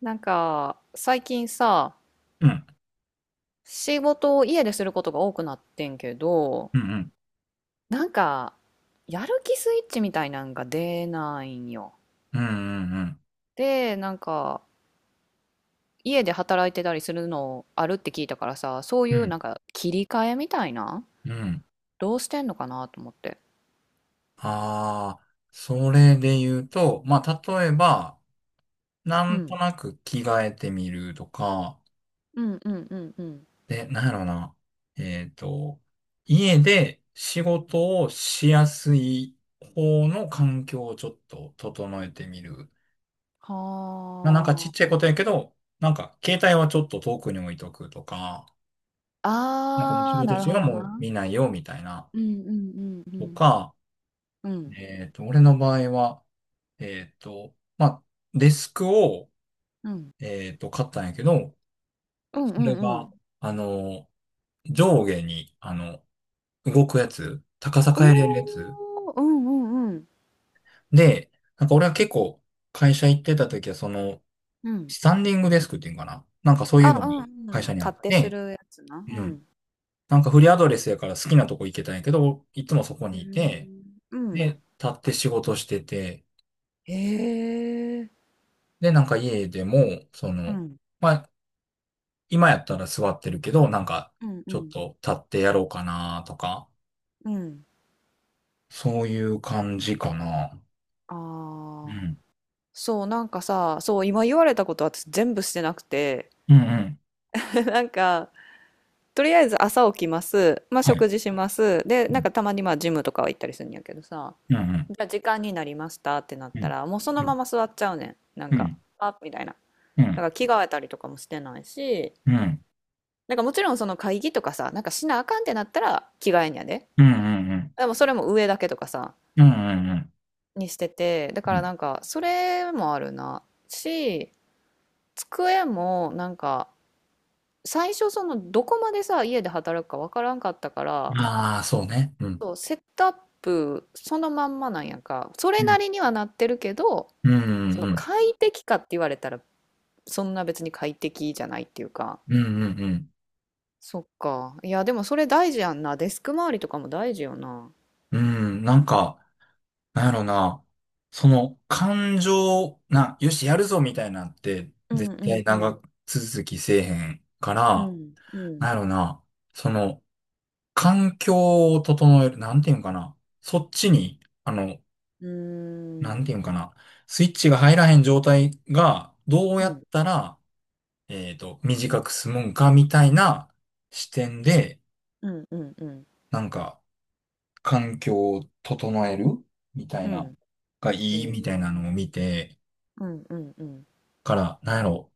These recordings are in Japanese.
なんか、最近さ、うん、仕事を家ですることが多くなってんけど、うん、なんか、やる気スイッチみたいなんが出ないんよ。うん、うん、で、なんか、家で働いてたりするのあるって聞いたからさ、そうういん、ううん。なんか切り替えみたいな、うん。どうしてんのかなと思って。ああ、それで言うと、まあ、例えば、なうんとん。なく着替えてみるとか。うんうんうんうん。で、なんやろな。えっと、家で仕事をしやすい方の環境をちょっと整えてみる。まあ、なんかちはっちゃいことやけど、なんか携帯はちょっと遠くに置いとくとか、なんかもう仕あ。あー、事なる中ほはどもうな。見ないよみたいな、うんうんうとんか、うん。うん。俺の場合は、まあ、デスクを、うん。買ったんやけど、うんそうれんうん。が、あの、上下に、動くやつ、高さ変えれるやつ。おー、うんうんうん。で、なんか俺は結構、会社行ってた時は、その、うん。スタンディングデスクっていうんかな。なんかそういうのあ、がうんうん。会立社にあっってすて、るやつな。ううん。ん。なんかフリーアドレスやから好きなとこ行けたんやけど、いつもそこへえ。にいて、うん。で、立って仕事してて、へえ。で、なんか家でも、そうの、ん。まあ、今やったら座ってるけど、なんか、うんうちょっん。と立ってやろうかなとか、うん。そういう感じかな。あうあ。ん。そう、なんかさ、そう、今言われたこと私全部してなくて、うんうん。なんか、とりあえず朝起きます。まあ、はい。食事します。で、うなんかんたまにまあ、ジムとかは行ったりするんやけどさ、うんうん。じゃあ時間になりましたってなっうたん。ら、もうそのまま座っちゃうねん。なんうか、ん。あ、みたいな。うだかん。ら着替えたりとかもしてないし、うん。なんかもちろんその会議とかさ、なんかしなあかんってなったら着替えんやで。うん。うん。うん。うん。でもそれも上だけとかさ、うんにしてて、だかうらんなんかそれもあるな。し、机もなんか最初そのどこまでさ、家で働くかわからんかったから、ああ、そうね。うん。そう、セットアップそのまんまなんやんか。それうなん。りにはなってるけど、うんうそんうのん。快適かって言われたらそんな別に快適じゃないっていうか。うんうんうん。そっか。いや、でもそれ大事やんな。デスク周りとかも大事よな。なんか、なんやろな。その感情、な、よし、やるぞみたいなんって、うんう絶ん対うん長続きせえへんかうら。ん、うん、なんやろな。その、環境を整える、なんていうんかな。そっちに、うーなんていうん、んかな。スイッチが入らへん状態が、どううやっん、たら、短く済むんか、みたいな視点で、うん、うん、うん、なんか、環境を整えるみたいうな、ん。がへいいみたいなのをえ。見て、うん、うん、うん。から、なんやろ。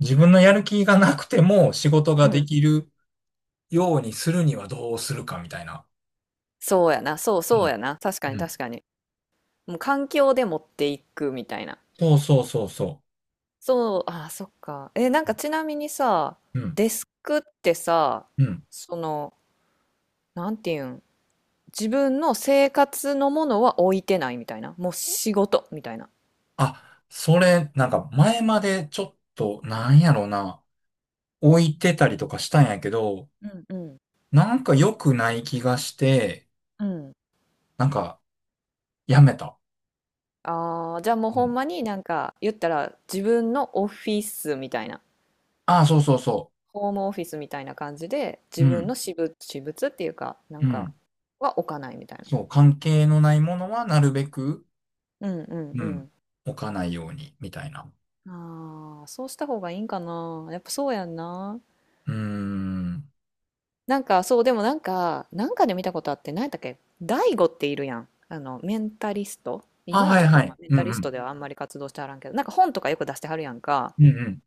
自分のやる気がなくても仕事がうでん。きるようにするにはどうするか、みたいな。そうやな、そううそうんやな。確うかにん確かに。もう環境で持っていくみたいな。そうそうそうそそう、あー、そっか。え、なんかちなみにさ、う。うんデスクってさ、うん。その、なんていうん、自分の生活のものは置いてないみたいな。もう仕事みたいな。あ、それ、なんか前までちょっと、なんやろな、置いてたりとかしたんやけど、うん、うん、なんか良くない気がして、うん。なんかやめた。ああ、じゃあもううほんん。まになんか言ったら自分のオフィスみたいな、ああ、そうそうそホームオフィスみたいな感じでう。う自分のん。私物、私物っていうかなうんかん。は置かないみたいな。そう、関係のないものはなるべく、うんうんううん、ん。置かないように、みたいな。ああ、そうした方がいいんかな。やっぱそうやんな。うーん。なんかそう、でもなんか、なんかで見たことあって、何やったっけ大悟っているやん。あの、メンタリスト。あ、今ははいちょっとはまあい。メンうタんリうストん。ではあんまり活動してはらんけど、なんか本とかよく出してはるやんか。うんうん。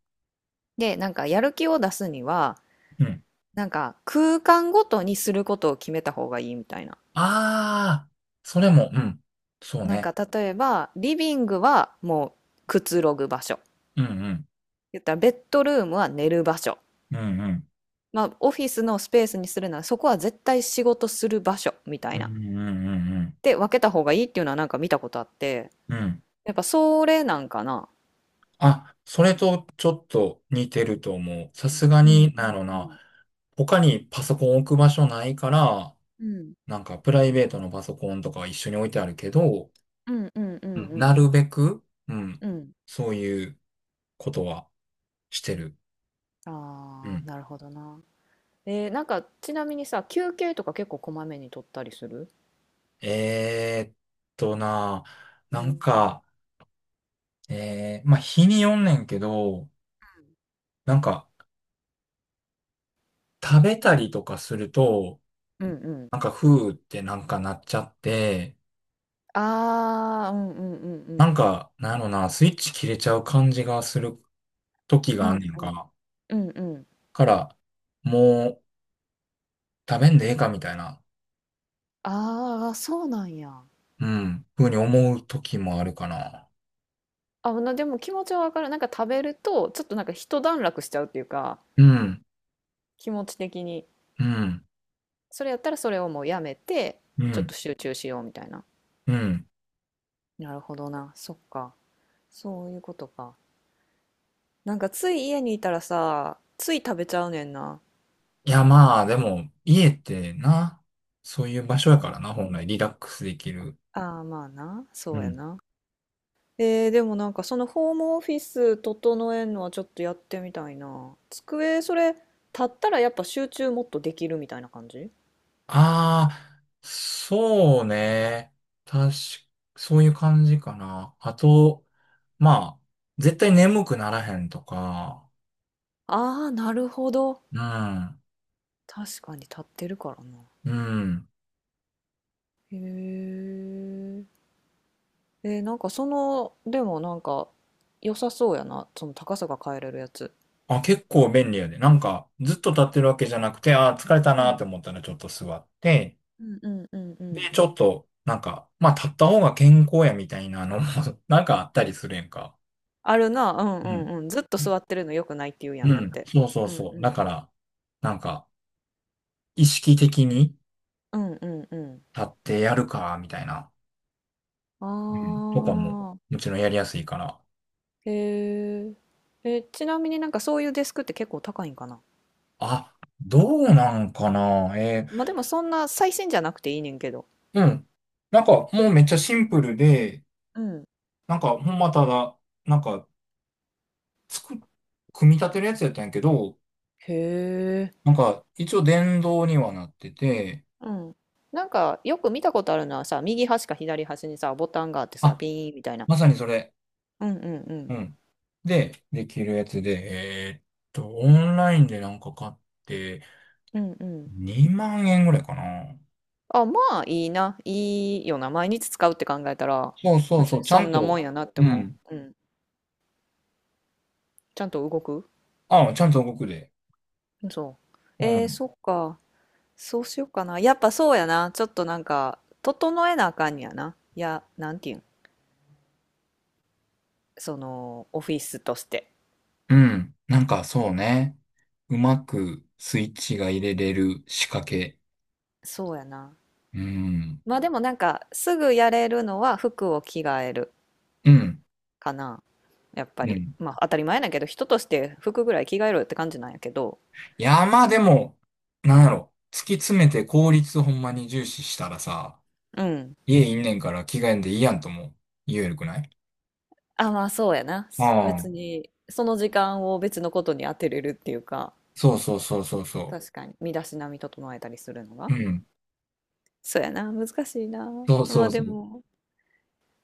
で、なんかやる気を出すには、うん。なんか空間ごとにすることを決めた方がいいみたいな。ああ、それも、うん。そうなんね。か例えばリビングはもうくつろぐ場所。うんうん。言ったらベッドルームは寝る場所。うんうん。まあオフィスのスペースにするならそこは絶対仕事する場所みたういな。んうんうんうんで分けた方がいいっていうのはなんか見たことあって、うん。うんやっぱそれなんかな。あ、それとちょっと似てると思う。さすがうんうに、なんやろな。ん他にパソコン置く場所ないから、うん。うん。なんかプライベートのパソコンとかは一緒に置いてあるけど、うんうんううんん。うなんるべく、うん、うん。そういうことはしてる。うああん。ーなるほどな。えーなんかちなみにさ、休憩とか結構こまめに取ったりする？えーっな、うなんんか、えー、まあ、日によんねんけど、なんか、食べたりとかすると、うんうん。なんか、ふーってなんかなっちゃって、ああ、うんうんうなんんか、なんやろな、スイッチ切れちゃう感じがする時うがあんん。ねんうんか。うん。うんうん。から、もう食べんでええかみたいな、ああ、そうなんや。うん、ふうに思う時もあるかな。あ、なでも気持ちはわかる。なんか食べると、ちょっとなんか一段落しちゃうっていうか、うん、気持ち的に。うん、それやったらそれをもうやめて、うちょっん、と集中しようみたいな。うん。なるほどな。そっか。そういうことか。なんかつい家にいたらさ、つい食べちゃうねんな。いや、まあ、でも、家ってな、そういう場所やそう。からな、本来、リラックスできる。ああ、まあな。うそうやん。な。えー、でもなんかそのホームオフィス整えんのはちょっとやってみたいな。机、それ、立ったらやっぱ集中もっとできるみたいな感じ？ああ、そうね。確か、そういう感じかな。あと、まあ、絶対眠くならへんとか、ああー、なるほど。うん。確かに立ってるからな。うん。へえ。えー、なんかその、でもなんか良さそうやな。その高さが変えれるやつ。あ、結構便利やで。なんか、ずっと立ってるわけじゃなくて、あー、疲れたなって思ったらちょっと座って、うんうんうんうで、ん。ちょっと、なんか、まあ、立った方が健康やみたいなのも なんかあったりするやんか。あるな。うんうん。うんうん。ずっと座ってるの良くないって言うやうんだっん。て。そうそううんそうう。だん。から、なんか、意識的にうんうんうん。立ってやるか、みたいな。あうん。とかも、あ。もちろんやりやすいから。へえ。え、ちなみになんかそういうデスクって結構高いんかな？あ、どうなんかな。えまあーでもそんな最新じゃなくていいねんけど。うん。なんか、もうめっちゃシンプルで、うん。なんか、ほんまただ、なんか、つく、組み立てるやつやったんやけど、へえ。なんか、一応電動にはなってて、うん。なんかよく見たことあるのはさ、右端か左端にさ、ボタンがあってさ、あ、ピーンみたいな。まさにそれ。うんうんううん。ん。で、できるやつで、えーっオンラインでなんか買って、うんうん。2万円ぐらいかな。あ、まあいいな。いいよな。毎日使うって考えたら、そうそう別そう、にちゃそんんなと、もんやなってう思ん。う。うん。ちゃんと動く？あ、ちゃんと動くで。そう。うえー、ん。そっか。そうしようかな。やっぱそうやな。ちょっとなんか、整えなあかんやな。いや、なんていうん。その、オフィスとして。うん。なんか、そうね。うまくスイッチが入れれる仕掛け。そうやな。うん。まあでもなんか、すぐやれるのは服を着替えるうん。かな。やっぱうり。ん。まあ当たり前だけど、人として服ぐらい着替えろよって感じなんやけど。いや、まあでも、なんやろ。突き詰めて効率ほんまに重視したらさ、うん。家いんねんから着替えんでいいやんとも言えるくないあ、まあそうやな。あ別あ、に、その時間を別のことに当てれるっていうか、そうそうそうそうそ確かに、身だしなみ整えたりするのう。が。うん。そうやな。難しいな。そうまそあうそでう。も。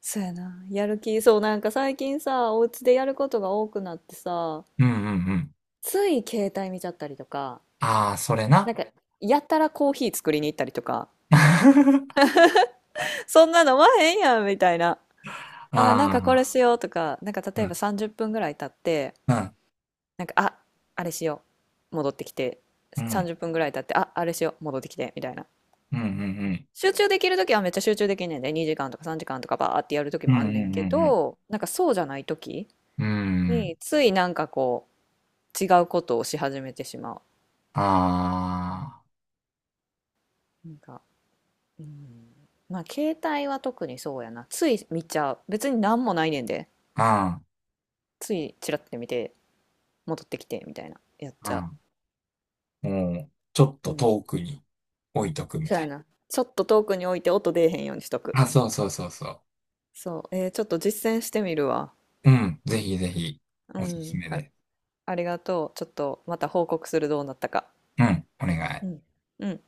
そうやな。やる気、そう、なんか最近さ、お家でやることが多くなってさ、うんうんうん。つい携帯見ちゃったりとか、ああ、それなんな。か、やたらコーヒー作りに行ったりとか、あ そんな飲まへんやんみたいな。あー、なんあ、かこれしようとか、なんかう例えばん、30分ぐらい経って、うん、なんか、あ、あれしよう。戻ってきて、うん、30分ぐらい経って、あ、あれしよう。戻ってきて、みたいな。うん、集中できるときはめっちゃ集中できんねんで、2時間とか3時間とかバーってやるときうん、うもあん、んねんうけん、うん、ど、なんかそうじゃないときうん。うんに、ついなんか違うことをし始めてしまあう。なんか、うん、まあ携帯は特にそうやな。つい見ちゃう。別に何もないねんで。あ、ついチラッて見て戻ってきてみたいな。やっうちゃん、うん。もう、ちょっう。うとん。遠くに置いとくみそうたやいな。ちょっと遠くに置いて音出えへんようにしとな。く。あ、そうそうそうそう。そう。えーちょっと実践してみるわ。うん、ぜひぜひ、うおすすん。めあ、です。ありがとう。ちょっとまた報告するどうなったか。うん、お願うい。ん。うん。